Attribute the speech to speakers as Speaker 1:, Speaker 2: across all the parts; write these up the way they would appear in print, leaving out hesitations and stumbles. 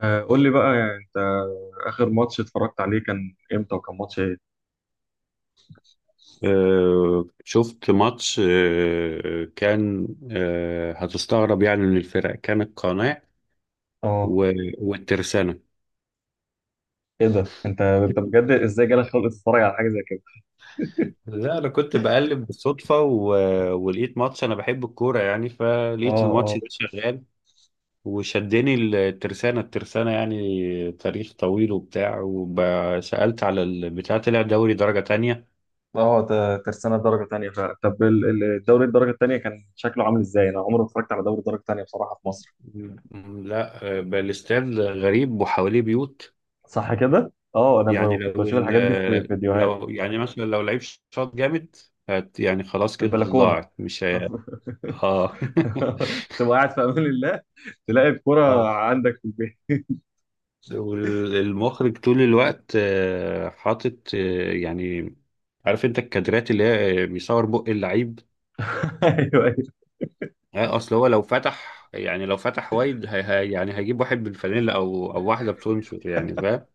Speaker 1: قول لي بقى يعني انت. ماتش اتفرجت عليه كان امتى وكان ماتش ايه؟
Speaker 2: شفت ماتش آه، كان آه، هتستغرب يعني من الفرق، كان القناع
Speaker 1: اه.
Speaker 2: والترسانة.
Speaker 1: ايه ده انت بجد ازاي جالك خلق تتفرج على حاجه زي كده؟
Speaker 2: لا انا كنت بقلب بالصدفة ولقيت ماتش، انا بحب الكورة يعني
Speaker 1: اه
Speaker 2: فلقيت الماتش
Speaker 1: اه.
Speaker 2: ده شغال وشدني. الترسانة يعني تاريخ طويل وبتاع، وسألت على البتاع طلع دوري درجة تانية.
Speaker 1: اه، ده ترسانة درجة تانية فعلا. طب الدوري الدرجه الثانيه كان شكله عامل ازاي؟ انا عمري ما اتفرجت على دوري الدرجه الثانيه بصراحه في مصر.
Speaker 2: لا، بقى الاستاد غريب وحواليه بيوت.
Speaker 1: صح كده؟ اه، انا
Speaker 2: يعني
Speaker 1: كنت بشوف الحاجات دي في فيديوهات
Speaker 2: لو يعني مثلا لو لعيب شاط جامد يعني خلاص
Speaker 1: في
Speaker 2: كده
Speaker 1: البلكونه.
Speaker 2: ضاعت مش هي. اه.
Speaker 1: تبقى قاعد في امان الله، تلاقي الكرة
Speaker 2: اه.
Speaker 1: عندك في البيت.
Speaker 2: والمخرج طول الوقت حاطط، يعني عارف انت الكادرات اللي هي، بيصور بق اللعيب.
Speaker 1: ايوه ايوه
Speaker 2: اصل هو لو فتح وايد هي يعني هيجيب واحد بالفانيلا او واحده بتنشر، يعني فاهم.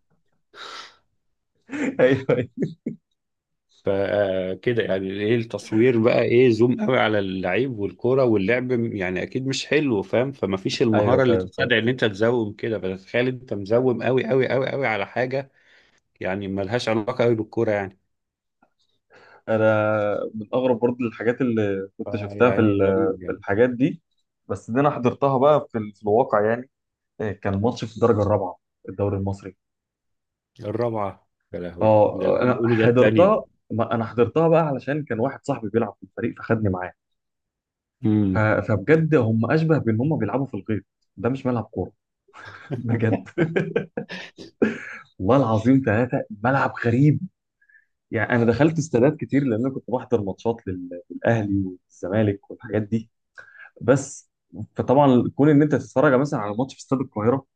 Speaker 1: ايوه ايوه
Speaker 2: فكده يعني ايه التصوير بقى، ايه زوم قوي على اللعيب والكرة واللعب، يعني اكيد مش حلو فاهم، فمفيش
Speaker 1: أيوة،
Speaker 2: المهارة اللي
Speaker 1: فاهم فاهم.
Speaker 2: تساعد ان انت تزوم كده. فتخيل انت مزوم قوي قوي قوي قوي على حاجة يعني ملهاش علاقة قوي بالكرة يعني.
Speaker 1: انا من اغرب برضه الحاجات اللي كنت شفتها في
Speaker 2: يعني غريب
Speaker 1: في
Speaker 2: يعني.
Speaker 1: الحاجات دي، بس دي انا حضرتها بقى في، في الواقع يعني. إيه، كان ماتش في الدرجه الرابعه الدوري المصري.
Speaker 2: الرابعة؟ يا لهوي، ده اللي
Speaker 1: اه،
Speaker 2: أنا
Speaker 1: انا
Speaker 2: بقوله ده التانية.
Speaker 1: حضرتها، ما انا حضرتها بقى علشان كان واحد صاحبي بيلعب في الفريق فخدني معاه. ف-
Speaker 2: امم
Speaker 1: فبجد هم اشبه بان هم بيلعبوا في الغيط، ده مش ملعب كوره. بجد والله العظيم ثلاثه، ملعب غريب. يعني انا دخلت استادات كتير لان انا كنت بحضر ماتشات للاهلي والزمالك والحاجات دي، بس. فطبعا كون ان انت تتفرج مثلا على ماتش في استاد القاهره،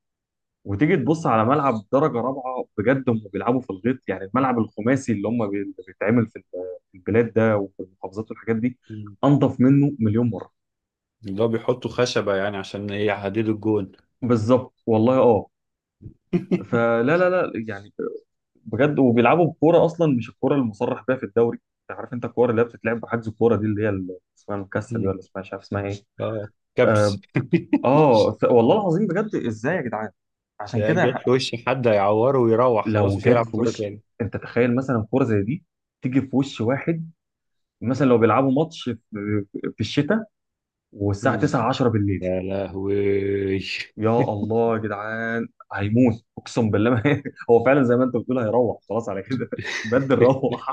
Speaker 1: وتيجي تبص على ملعب درجه رابعه، بجد هم بيلعبوا في الغيط. يعني الملعب الخماسي اللي اللي بيتعمل في في البلاد ده وفي المحافظات والحاجات دي، انضف منه مليون مره.
Speaker 2: اللي هو بيحطوا خشبة يعني عشان ايه يحددوا الجون.
Speaker 1: بالظبط والله، اه. فلا لا، لا، يعني بجد، وبيلعبوا بكوره اصلا مش الكوره المصرح بيها في الدوري. انت عارف انت الكوره اللي هي بتتلعب بحجز الكوره دي اللي هي اسمها المكسل دي،
Speaker 2: مم.
Speaker 1: ولا اسمها مش عارف اسمها ايه.
Speaker 2: اه.
Speaker 1: اه.
Speaker 2: كبس.
Speaker 1: والله العظيم بجد، ازاي يا جدعان؟ عشان
Speaker 2: يا جت
Speaker 1: كده
Speaker 2: في وشي حد، هيعوره ويروح خلاص
Speaker 1: لو
Speaker 2: مش
Speaker 1: جت
Speaker 2: هيلعب
Speaker 1: في
Speaker 2: كورة
Speaker 1: وش،
Speaker 2: تاني.
Speaker 1: انت تخيل مثلا كوره زي دي تيجي في وش واحد، مثلا لو بيلعبوا ماتش في في الشتاء والساعه
Speaker 2: مم.
Speaker 1: 9 10 بالليل،
Speaker 2: يا لهوي.
Speaker 1: يا الله يا جدعان هيموت اقسم بالله ما هو فعلا زي ما انت بتقول هيروح خلاص على كده. بدل روح.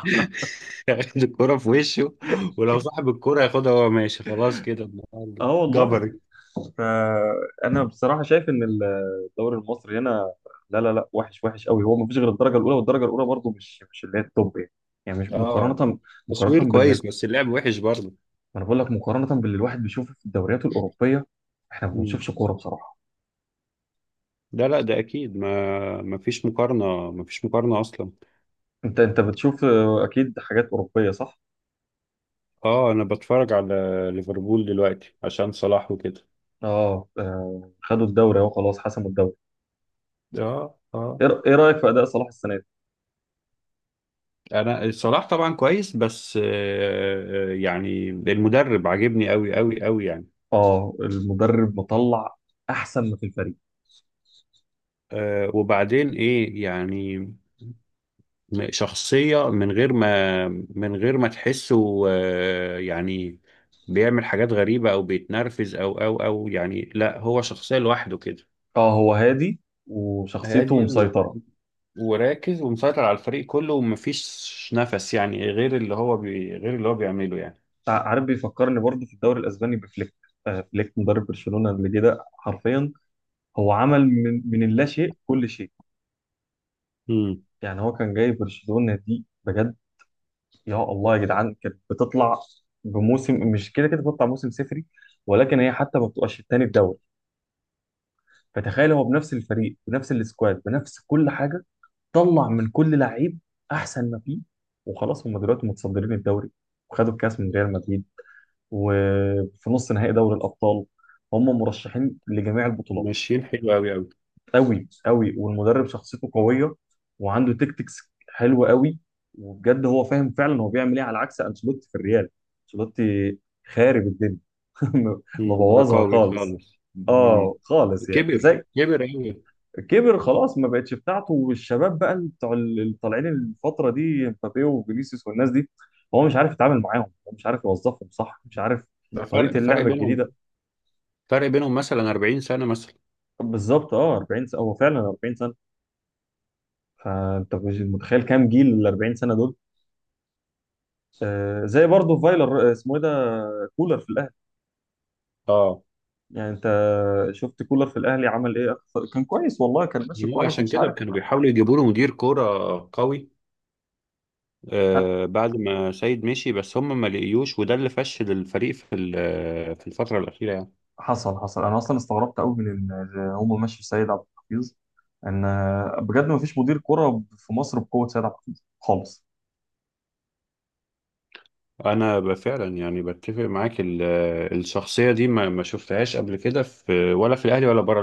Speaker 2: ياخد الكورة في وشه، ولو صاحب الكورة ياخدها وهو ماشي، خلاص كده النهارده
Speaker 1: اه والله.
Speaker 2: جبري.
Speaker 1: فانا بصراحه شايف ان الدوري المصري هنا، لا لا، لا، وحش، وحش قوي. هو ما فيش غير الدرجه الاولى، والدرجه الاولى برضه مش اللي هي التوب يعني. يعني مش
Speaker 2: اه،
Speaker 1: مقارنه،
Speaker 2: تصوير
Speaker 1: مقارنه.
Speaker 2: كويس بس اللعب وحش برضه.
Speaker 1: ما انا بقول لك مقارنه باللي الواحد بيشوفه في الدوريات الاوروبيه، احنا ما
Speaker 2: مم.
Speaker 1: بنشوفش كوره بصراحه.
Speaker 2: لا لا، ده اكيد ما فيش مقارنة، ما فيش مقارنة اصلا.
Speaker 1: انت بتشوف اكيد حاجات اوروبيه، صح.
Speaker 2: اه، انا بتفرج على ليفربول دلوقتي عشان صلاح وكده.
Speaker 1: اه، خدوا الدوري اهو، خلاص حسموا الدوري.
Speaker 2: اه اه.
Speaker 1: ايه إيه رايك في اداء صلاح السنه دي؟
Speaker 2: انا الصلاح طبعا كويس بس، يعني المدرب عاجبني قوي قوي قوي يعني.
Speaker 1: اه، المدرب مطلع احسن ما في الفريق.
Speaker 2: وبعدين ايه يعني، شخصية من غير ما تحسه يعني بيعمل حاجات غريبة او بيتنرفز او يعني. لا هو شخصية لوحده كده،
Speaker 1: اه، هو هادي وشخصيته
Speaker 2: هادي
Speaker 1: مسيطره.
Speaker 2: وراكز ومسيطر على الفريق كله، ومفيش نفس يعني غير اللي هو بيعمله يعني.
Speaker 1: عارف، بيفكرني برضه في الدوري الاسباني بفليك. فليك مدرب برشلونه اللي جه ده، حرفيا هو عمل من اللا شيء كل شيء.
Speaker 2: امم
Speaker 1: يعني هو كان جاي برشلونه دي بجد، يا الله يا جدعان كانت بتطلع بموسم مش كده كده، بتطلع موسم صفري، ولكن هي حتى ما بتبقاش التاني الدوري. فتخيل هو بنفس الفريق، بنفس السكواد، بنفس كل حاجه، طلع من كل لعيب احسن ما فيه، وخلاص هم دلوقتي متصدرين الدوري، وخدوا الكاس من ريال مدريد، وفي نص نهائي دوري الابطال، هم مرشحين لجميع البطولات.
Speaker 2: ماشيين حلو قوي قوي.
Speaker 1: قوي قوي. والمدرب شخصيته قويه، وعنده تكتكس حلوه قوي، وبجد هو فاهم فعلا هو بيعمل ايه، على عكس انشيلوتي في الريال. انشيلوتي خارب الدنيا.
Speaker 2: مم.
Speaker 1: مبوظها
Speaker 2: رقاوي
Speaker 1: خالص،
Speaker 2: خالص. مم.
Speaker 1: اه خالص. يعني
Speaker 2: كبر
Speaker 1: زي،
Speaker 2: كبر أوي.
Speaker 1: كبر خلاص ما بقتش بتاعته، والشباب بقى اللي بتوع اللي طالعين الفتره دي، مبابي وفينيسيوس والناس دي، هو مش عارف يتعامل معاهم، هو مش عارف يوظفهم صح، مش عارف
Speaker 2: ده
Speaker 1: طريقه اللعبه الجديده.
Speaker 2: فرق بينهم مثلا 40 سنة مثلا.
Speaker 1: بالظبط، اه 40 سنه، هو فعلا 40 سنه. فانت مش متخيل كام جيل ال 40 سنه دول. زي برضه فايلر، اسمه ايه ده، كولر في الاهلي.
Speaker 2: اه،
Speaker 1: يعني انت شفت كولر في الاهلي عمل ايه كان كويس والله، كان ماشي
Speaker 2: هو
Speaker 1: كويس،
Speaker 2: عشان
Speaker 1: مش
Speaker 2: كده
Speaker 1: عارف.
Speaker 2: كانوا بيحاولوا يجيبوا له مدير كورة قوي
Speaker 1: لا،
Speaker 2: بعد ما سيد مشي، بس هم ما لقيوش، وده اللي فشل الفريق في الفترة الأخيرة يعني.
Speaker 1: حصل حصل. انا اصلا استغربت قوي من ان هم مشوا سيد عبد الحفيظ، ان بجد ما فيش مدير كرة في مصر بقوة سيد عبد الحفيظ خالص.
Speaker 2: أنا فعلا يعني بتفق معاك، الشخصية دي ما شفتهاش قبل كده في ولا في الأهلي ولا بره.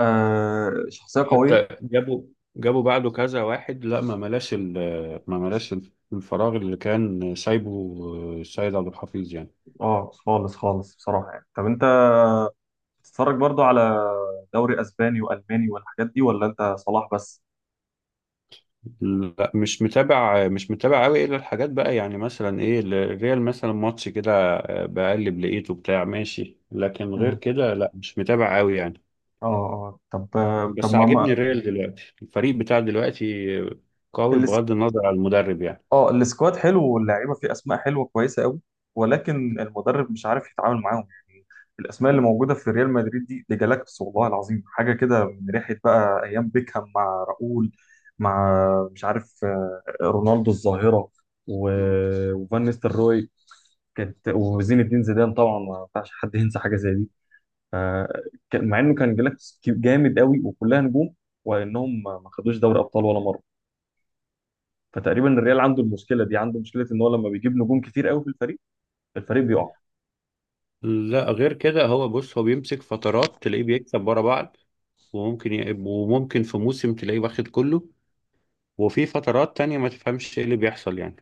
Speaker 1: آه، شخصية قوية.
Speaker 2: حتى جابوا بعده كذا واحد، لا ما ملاش الفراغ اللي كان سايبه السيد عبد الحفيظ يعني.
Speaker 1: اه خالص خالص بصراحة. يعني طب انت بتتفرج برضه على دوري اسباني والماني والحاجات دي، ولا انت صلاح بس؟
Speaker 2: لا مش متابع، مش متابع قوي، الا الحاجات بقى، يعني مثلا ايه، الريال مثلا ماتش كده بقلب لقيته بتاع ماشي، لكن غير
Speaker 1: مم.
Speaker 2: كده لا مش متابع قوي يعني.
Speaker 1: اه اه. طب
Speaker 2: بس عاجبني الريال دلوقتي، الفريق بتاع دلوقتي قوي
Speaker 1: اللي،
Speaker 2: بغض النظر عن المدرب يعني.
Speaker 1: اه السكواد حلو، واللعيبه فيه اسماء حلوه كويسه قوي، ولكن المدرب مش عارف يتعامل معاهم يعني. الاسماء اللي موجوده في ريال مدريد دي، دي جالاكتس والله العظيم. حاجه كده من ريحه بقى ايام بيكهام مع راؤول، مع مش عارف، رونالدو الظاهره، وفان نيستلروي، كانت. وزين الدين زيدان طبعا ما ينفعش حد ينسى حاجه زي دي. ف- مع انه كان جالاكتس جامد قوي وكلها نجوم، وانهم ما خدوش دوري ابطال ولا مره. فتقريبا الريال عنده المشكله دي، عنده مشكله ان هو لما بيجيب نجوم كتير قوي في الفريق، الفريق بيقع.
Speaker 2: لا غير كده، هو بيمسك فترات تلاقيه بيكسب ورا بعض، وممكن في موسم تلاقيه واخد كله، وفي فترات تانية ما تفهمش ايه اللي بيحصل يعني.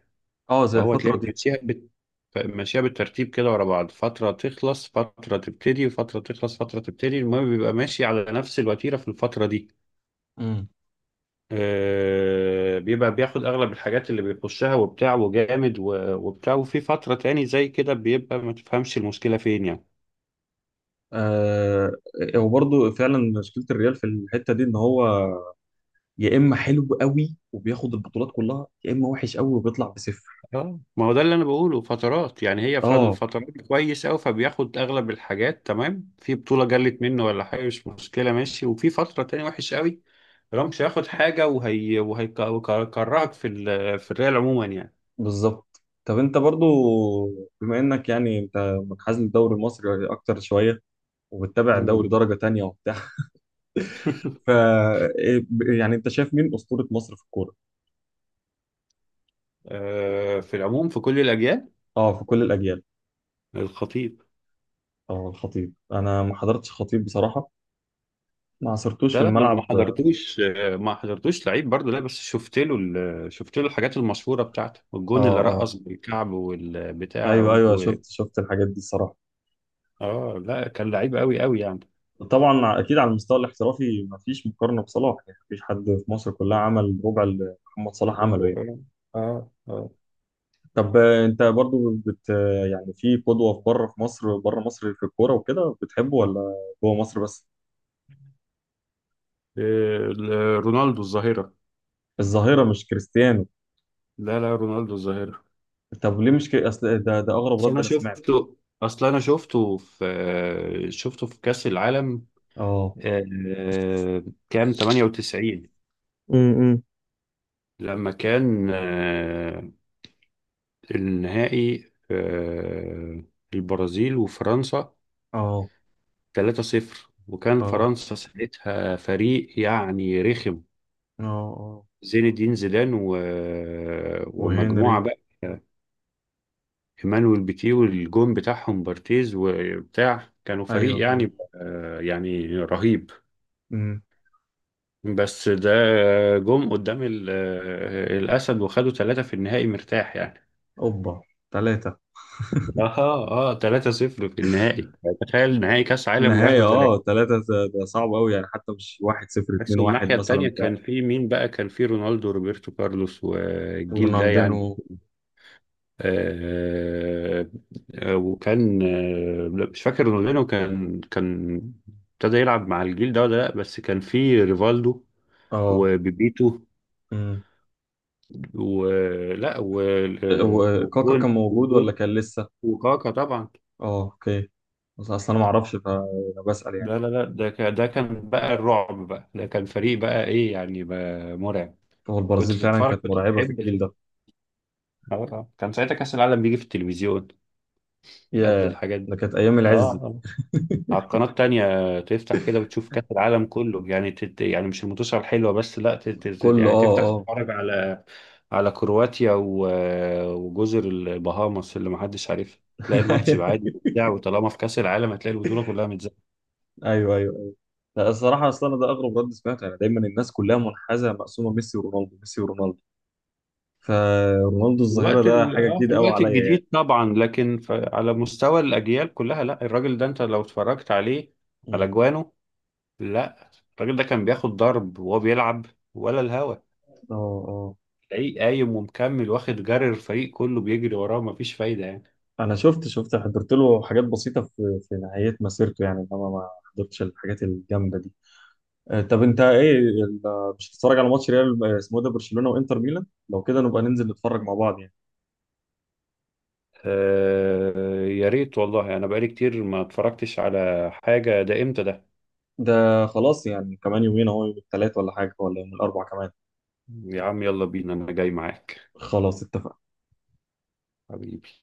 Speaker 1: اه زي
Speaker 2: فهو
Speaker 1: الفتره
Speaker 2: تلاقي
Speaker 1: دي.
Speaker 2: ماشيها بالترتيب كده ورا بعض، فترة تخلص فترة تبتدي، فترة تخلص فترة تبتدي، المهم بيبقى ماشي على نفس الوتيرة في الفترة دي.
Speaker 1: امم.
Speaker 2: بيبقى بياخد أغلب الحاجات اللي بيخشها وبتاع وجامد، و... وبتاع وفي فترة تاني زي كده بيبقى ما تفهمش المشكلة فين يعني.
Speaker 1: آه، وبرضه فعلا مشكله الريال في الحته دي، ان هو يا اما حلو قوي وبياخد البطولات كلها، يا اما وحش قوي وبيطلع بصفر.
Speaker 2: اه، ما هو ده اللي انا بقوله فترات يعني، هي
Speaker 1: اه
Speaker 2: فالفترات كويس قوي فبياخد اغلب الحاجات تمام، في بطولة جلت منه ولا حاجة مش مشكلة ماشي، وفي فترة تانية وحش قوي. رامش هياخد حاجة، وهيكرهك في الريال عموما يعني.
Speaker 1: بالظبط. طب انت برضو، بما انك يعني انت منحاز للدوري المصري اكتر شويه، وبتتابع
Speaker 2: مم.
Speaker 1: دوري درجه تانية وبتاع، ف إيه، يعني انت شايف مين اسطوره مصر في الكوره؟
Speaker 2: في العموم في كل الاجيال،
Speaker 1: اه، في كل الاجيال.
Speaker 2: الخطيب.
Speaker 1: اه، الخطيب. انا ما حضرتش خطيب بصراحه، ما عصرتوش في
Speaker 2: لا لا، ما أنا ما
Speaker 1: الملعب، اه.
Speaker 2: حضرتوش آه، ما حضرتوش لعيب برضه، لا بس شفت له الحاجات المشهورة بتاعته والجون اللي
Speaker 1: اه
Speaker 2: رقص بالكعب والبتاع،
Speaker 1: ايوه ايوه،
Speaker 2: و...
Speaker 1: شفت شفت الحاجات دي الصراحه.
Speaker 2: اه لا كان لعيب قوي قوي يعني.
Speaker 1: طبعا اكيد على المستوى الاحترافي ما فيش مقارنه بصلاح يعني، ما فيش حد في مصر كلها عمل ربع اللي محمد صلاح عمله يعني.
Speaker 2: اه اه. آه.
Speaker 1: طب انت برضو بت آه، يعني في قدوه في بره، في مصر بره مصر في الكوره وكده بتحبه، ولا جوه مصر بس؟
Speaker 2: إيه، ال- رونالدو الظاهرة.
Speaker 1: الظاهره مش كريستيانو.
Speaker 2: لا لا، رونالدو الظاهرة.
Speaker 1: طب ليه مش كري... اصل ده ده اغرب
Speaker 2: اصل
Speaker 1: رد
Speaker 2: انا
Speaker 1: انا سمعته.
Speaker 2: شفته اصل انا شفته في شفته في كأس العالم،
Speaker 1: اه.
Speaker 2: آه، كام 98
Speaker 1: امم.
Speaker 2: لما كان النهائي، البرازيل وفرنسا
Speaker 1: اه
Speaker 2: 3-0. وكان
Speaker 1: اه
Speaker 2: فرنسا ساعتها فريق يعني رخم،
Speaker 1: اه اه.
Speaker 2: زين الدين زيدان ومجموعة
Speaker 1: وهنري.
Speaker 2: بقى، ايمانويل بيتيه، والجون بتاعهم بارتيز وبتاع، كانوا فريق
Speaker 1: ايوه
Speaker 2: يعني
Speaker 1: أيوة.
Speaker 2: يعني رهيب.
Speaker 1: امم.
Speaker 2: بس ده جم قدام الأسد، وخدوا ثلاثة في النهائي مرتاح يعني.
Speaker 1: اوبا، ثلاثة.
Speaker 2: اه اه، 3-0 في النهائي، تخيل نهائي كأس عالم
Speaker 1: النهاية
Speaker 2: وياخدوا
Speaker 1: اه
Speaker 2: ثلاثة.
Speaker 1: ثلاثة، ده ده صعب قوي يعني، حتى مش واحد صفر
Speaker 2: بس
Speaker 1: اتنين واحد
Speaker 2: الناحية
Speaker 1: مثلا
Speaker 2: التانية
Speaker 1: بتاع.
Speaker 2: كان في مين بقى، كان في رونالدو وروبرتو كارلوس والجيل ده
Speaker 1: ورونالدينو.
Speaker 2: يعني. آه، آه، وكان آه، لا، مش فاكر رونالدينو كان ابتدى يلعب مع الجيل ده ولا لا، بس كان في ريفالدو
Speaker 1: اه.
Speaker 2: وبيبيتو،
Speaker 1: امم.
Speaker 2: ولا
Speaker 1: وكاكا كان
Speaker 2: وجون
Speaker 1: موجود ولا
Speaker 2: وجون
Speaker 1: كان لسه؟
Speaker 2: وكاكا طبعا.
Speaker 1: اه اوكي. بس اصلا انا ما اعرفش فانا بسأل يعني.
Speaker 2: لا لا لا، ده كان بقى الرعب بقى، ده كان فريق بقى، ايه يعني بقى مرعب.
Speaker 1: هو البرازيل فعلا كانت
Speaker 2: كنت
Speaker 1: مرعبة في
Speaker 2: تحب
Speaker 1: الجيل ده.
Speaker 2: كان ساعتها كأس العالم بيجي في التلفزيون قبل
Speaker 1: يا،
Speaker 2: الحاجات
Speaker 1: ده
Speaker 2: دي.
Speaker 1: كانت ايام العز دي.
Speaker 2: اه، على القناة التانية تفتح كده وتشوف كأس العالم كله يعني، يعني مش المنتصف الحلوة بس، لا
Speaker 1: كله
Speaker 2: يعني
Speaker 1: اه
Speaker 2: تفتح
Speaker 1: اه.
Speaker 2: تتفرج على على كرواتيا وجزر البهاماس اللي محدش عارفها، تلاقي الماتش يبقى عادي متذاع، وطالما في كأس العالم هتلاقي البطولة كلها متذاعة.
Speaker 1: ايوه ايوه ايوه. لا الصراحة اصلا أنا ده اغرب رد سمعته يعني. دايما الناس كلها منحازة مقسومة ميسي ورونالدو، ميسي ورونالدو. فرونالدو الظاهرة ده حاجة
Speaker 2: في
Speaker 1: جديدة قوي
Speaker 2: الوقت
Speaker 1: عليا يعني.
Speaker 2: الجديد طبعا، لكن على مستوى الأجيال كلها، لا الراجل ده انت لو اتفرجت عليه على
Speaker 1: امم.
Speaker 2: جوانه، لا الراجل ده كان بياخد ضرب وهو بيلعب ولا الهوا،
Speaker 1: اه اه.
Speaker 2: تلاقيه قايم ومكمل واخد جري، الفريق كله بيجري وراه مفيش فايدة يعني.
Speaker 1: انا شفت شفت حضرت له حاجات بسيطه في في نهايه مسيرته يعني، انما ما حضرتش الحاجات الجامده دي. طب انت ايه مش هتتفرج على ماتش ريال اسمه ايه ده، برشلونه وانتر ميلان؟ لو كده نبقى ننزل نتفرج مع بعض يعني.
Speaker 2: يا ريت والله، انا بقالي كتير ما اتفرجتش على حاجة، ده امتى ده؟
Speaker 1: ده خلاص، يعني كمان يومين اهو، يوم الثلاث ولا حاجه، ولا يوم الاربع كمان.
Speaker 2: يا عم يلا بينا، انا جاي معاك
Speaker 1: خلاص اتفقنا.
Speaker 2: حبيبي.